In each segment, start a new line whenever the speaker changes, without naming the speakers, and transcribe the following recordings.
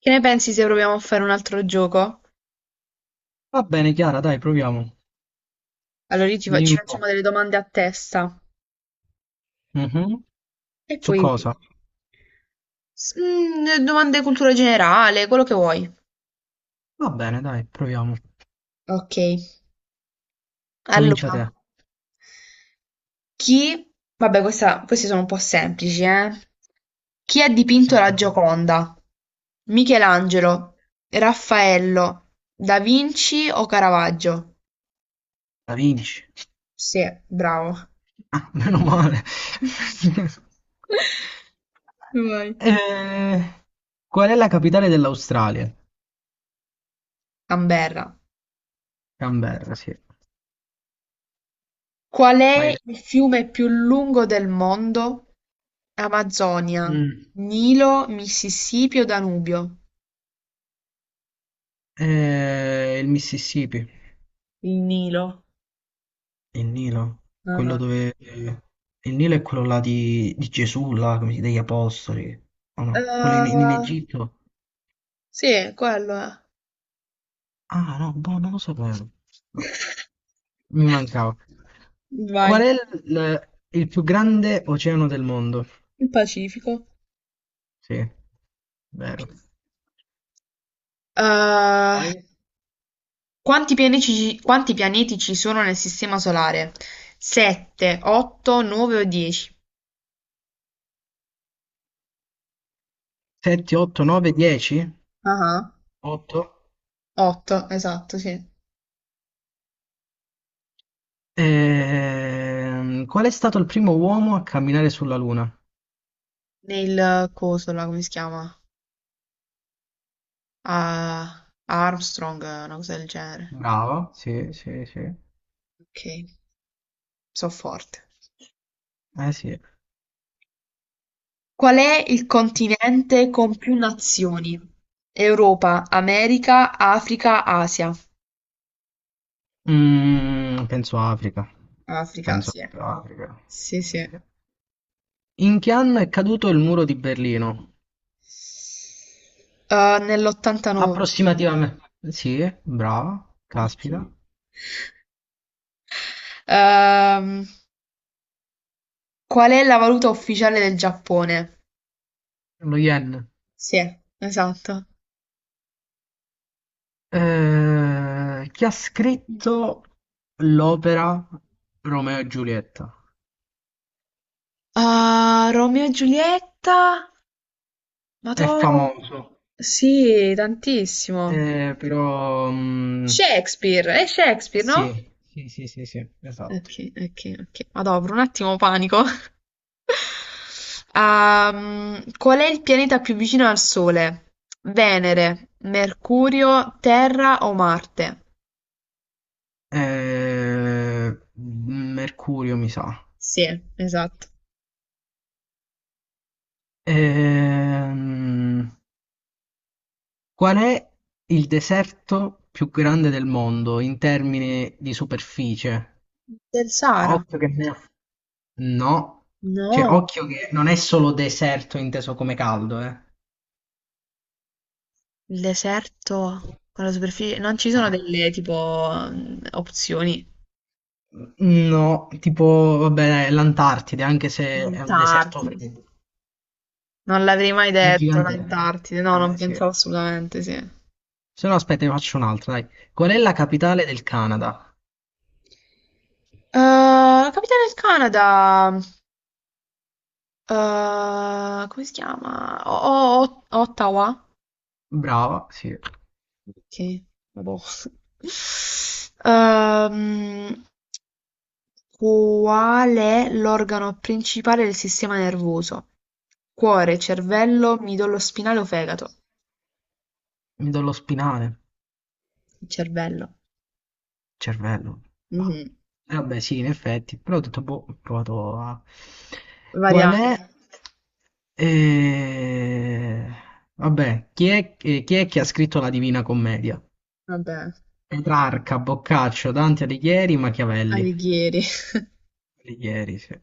Che ne pensi se proviamo a fare un altro gioco?
Va bene, Chiara, dai, proviamo.
Allora io
Dimmi
ci
un po'.
facciamo delle domande a testa
Mhm.
e
Su
poi
cosa?
Domande di cultura generale, quello che vuoi.
Va bene, dai, proviamo.
Ok,
Comincia te.
allora, chi... Vabbè, queste sono un po' semplici, eh? Chi ha dipinto la
Proviamo.
Gioconda? Michelangelo, Raffaello, Da Vinci o Caravaggio?
La vinci.
Sì, bravo.
Ah, meno male.
Vai.
Eh, Qual è la capitale dell'Australia?
Canberra.
Canberra, sì.
Qual
Vai
è
te.
il fiume più lungo del mondo? Amazzonia,
Mm.
Nilo, Mississippi o Danubio?
Il Mississippi.
Il Nilo.
Il Nilo. Quello
Ah,
dove... il Nilo è quello là di Gesù, là, come si- degli apostoli. O
eh,
no? Quello in Egitto.
sì, quello è.
Ah, no, boh, non lo sapevo. No, mi mancava. Qual
Vai.
è il più grande oceano del mondo?
Il Pacifico.
Sì,
Ok.
vero.
Eh,
Poi
quanti pianeti ci sono nel Sistema Solare? 7, 8, 9 o 10?
7, 8, 9, 10?
Ah,
8.
8, esatto, sì.
Qual è stato il primo uomo a camminare sulla Luna?
Nel coso là, come si chiama? a a Armstrong, una cosa del genere.
Bravo. Sì, sì, sì.
Ok, so forte.
Eh sì.
Qual è il continente con più nazioni? Europa, America, Africa, Asia.
Mm, penso Africa.
Africa,
Penso
sì.
proprio Africa.
Sì, sì.
Sì. In che anno è caduto il muro di Berlino?
Nell'89.
Approssimativame sì, brava,
Ok.
caspita.
Ehm, qual è la valuta ufficiale del Giappone?
Lo Yen.
Sì. Esatto.
Chi ha scritto l'opera Romeo e Giulietta?
Ah, Romeo e Giulietta? Ma
È
tu.
famoso,
Sì, tantissimo.
però... mm,
Shakespeare, è Shakespeare, no?
sì, sì, sì, sì, sì,
Ok,
esatto.
ok, ok. Madò, per un attimo panico. Qual è il pianeta più vicino al Sole? Venere, Mercurio, Terra o Marte?
Eh, Mercurio, mi sa.
Sì, esatto.
Ehm, Qual è il deserto più grande del mondo in termini di superficie?
Del Sahara?
Occhio che ne ha- No, cioè
No.
occhio che non è solo deserto inteso come caldo, eh.
Il deserto con la superficie. Non ci sono
Ah,
delle tipo opzioni.
no, tipo, vabbè, l'Antartide, anche se è un deserto
L'Antartide.
freddo.
Non l'avrei mai
È
detto,
gigante.
l'Antartide. No, non
Eh sì.
pensavo assolutamente, sì.
Se no aspetta, ne faccio un'altra, dai. Qual è la capitale del Canada?
La capitale del Canada, come si chiama? Ottawa?
Brava, sì.
Ok, vabbò. Ehm, qual è l'organo principale del sistema nervoso? Cuore, cervello, midollo spinale o fegato?
Mi do lo spinale.
Il cervello.
Cervello, ma
Mhm.
eh vabbè sì, in effetti, però ho detto, boh, ho provato a... Qual
Variabile.
è? Eh, Vabbè, chi è che ha scritto la Divina Commedia?
Vabbè,
Petrarca, Boccaccio, Dante Alighieri, Machiavelli.
Alighieri.
Alighieri, sì.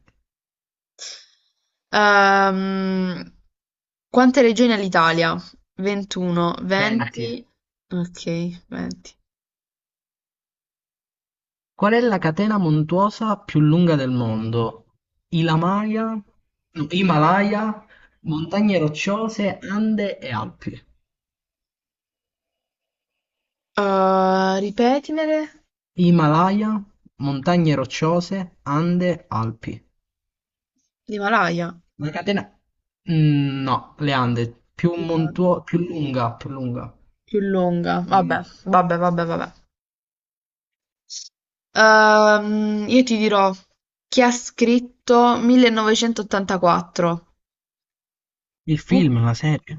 Ehm, quante regioni ha l'Italia? 21,
20.
20, ok, 20.
Qual è la catena montuosa più lunga del mondo? Ilamaya, no, Himalaya, Montagne Rocciose, Ande e Alpi.
Ripetimele,
Himalaya, montagne rocciose, Ande, Alpi.
l'Himalaya,
La catena... Mm, no, le Ande, più
La-
montuo- più lunga, più lunga.
più lunga, vabbè,
Mm,
vabbè, vabbè, vabbè. Io ti dirò chi ha scritto 1984,
il film, la serie.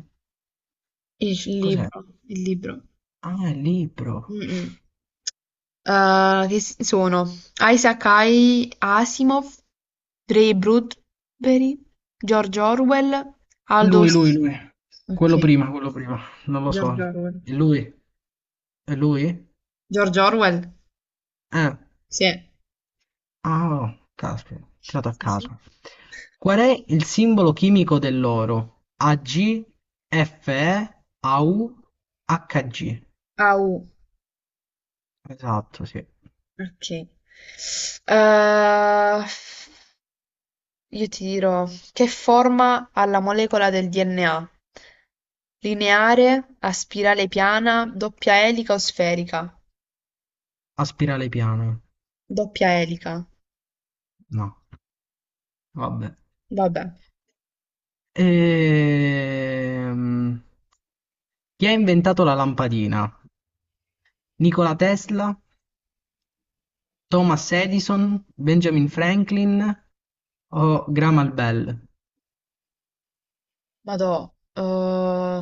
il
Cos'è?
libro, il libro.
Ah, il libro.
Mm, mm. Sono Isaac Asimov, Ray Bradbury, George Orwell, Aldo.
Lui, lui, lui. Quello
Ok,
prima, quello prima. Non lo so.
George Orwell.
È lui? È lui?
George Orwell?
Eh.
Sì. Eh.
Ah, caspita, tirato a
Sì, sì.
caso. Qual è il simbolo chimico dell'oro? Ag, Fe, Au, Hg.
Au,
Esatto, sì.
ok. Eh, io ti dirò, che forma ha la molecola del DNA? Lineare, a spirale piana, doppia elica o sferica?
A spirale piana.
Doppia elica.
No, vabbè.
Vabbè.
Ehm, Chi ha inventato la lampadina? Nikola Tesla, Thomas Edison, Benjamin Franklin o Graham Bell?
Madò,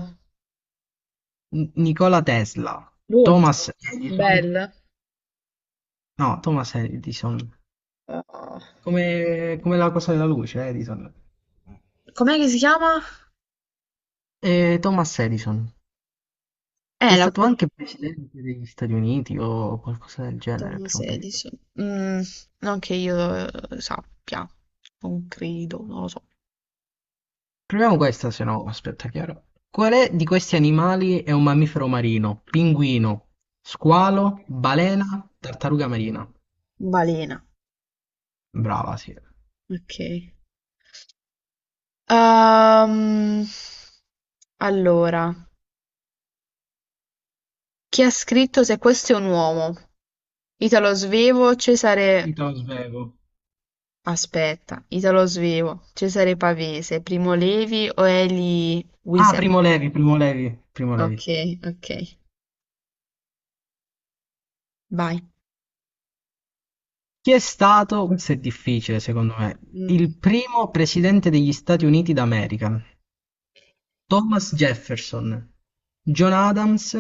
N- Nikola Tesla,
l'ultimo,
Thomas Edison,
Belle.
no, Thomas Edison.
eh,
Come la cosa della luce, Edison.
com'è che si chiama?
Thomas Edison, che
Eh,
è
la
stato anche presidente degli Stati Uniti o qualcosa del
Tom
genere per un periodo.
16. Mm, non che io sappia, non credo, non lo so.
Proviamo questa, se no, aspetta, chiaro. Quale di questi animali è un mammifero marino? Pinguino, squalo, balena, tartaruga marina.
Balena,
Brava, sì.
ok. Ehm, allora, chi ha scritto Se questo è un uomo? Italo Svevo, Cesare...
Io te lo svelo.
Aspetta, Italo Svevo, Cesare Pavese, Primo Levi o Eli
Ah,
Wiesel?
Primo Levi.
Okay, okay. Vai.
Chi è stato, questo è difficile secondo me,
Mm,
il primo presidente degli Stati Uniti d'America? Thomas Jefferson, John Adams,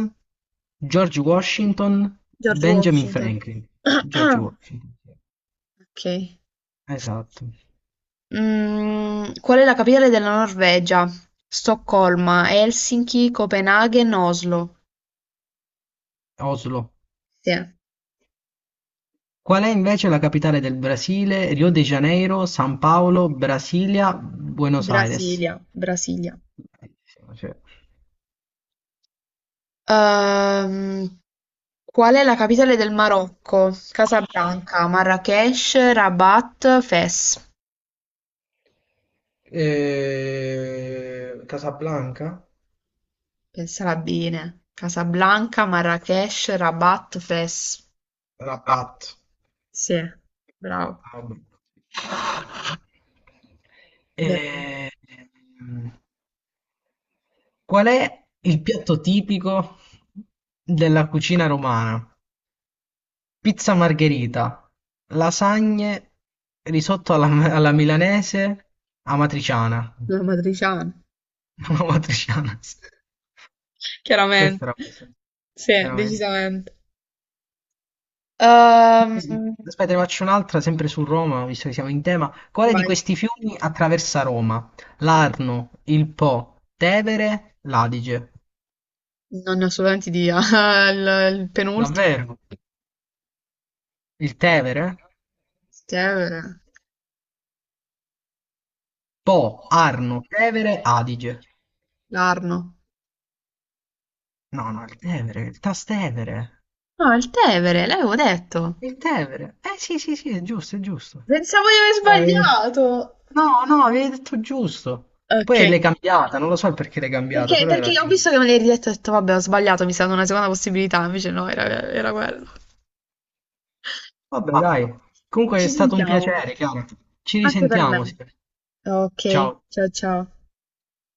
George Washington,
George
Benjamin
Washington.
Franklin. George Washington, sì.
Ok.
Esatto.
Qual è la capitale della Norvegia? Stoccolma, Helsinki, Copenaghen, Oslo.
Oslo.
Sì,
Qual è invece la capitale del Brasile? Rio de Janeiro, San Paolo, Brasilia, Buenos Aires.
Brasilia, Brasilia.
Bellissimo, cioè.
Ehm, qual è la capitale del Marocco? Casablanca, Marrakesh, Rabat, Fes.
Casablanca?
Pensala bene. Casablanca, Marrakesh, Rabat, Fes.
Rabat.
Sì, bravo.
Ah, vabbè.
Beh,
Eh, ehm, Qual è il piatto tipico della cucina romana? Pizza margherita, lasagne, risotto alla milanese, amatriciana.
una matriciana,
Amatriciana, sì.
chiaramente.
Questa era questa,
Sì,
chiaramente.
decisamente. Ehm,
Aspetta, ne faccio un'altra, sempre su Roma, visto che siamo in tema. Quale di
vai.
questi fiumi attraversa Roma? L'Arno, il Po, Tevere, l'Adige.
Non ne ho assolutamente idea. Il penultimo.
Davvero? Il Tevere?
Tevere.
Po, Arno, Tevere, Adige.
L'Arno.
No, no, il Tevere, il Trastevere.
No, è il Tevere, l'avevo detto.
Il Tevere. Eh sì, sì, sì, è giusto, è giusto.
Pensavo di aver
Eh,
sbagliato.
No, no, avevi detto giusto. Poi l'hai
Okay.
cambiata, non lo so il perché l'hai cambiata,
Perché,
però
perché
era
ho visto
giusto.
che me l'hai ridetto e ho detto, vabbè, ho sbagliato, mi serve una seconda possibilità, invece no, era quello.
Vabbè, dai. Comunque è
Ci
stato un
sentiamo,
piacere, Chiara. Ci
anche per
risentiamo,
me.
sì.
Ok,
Ciao.
ciao ciao.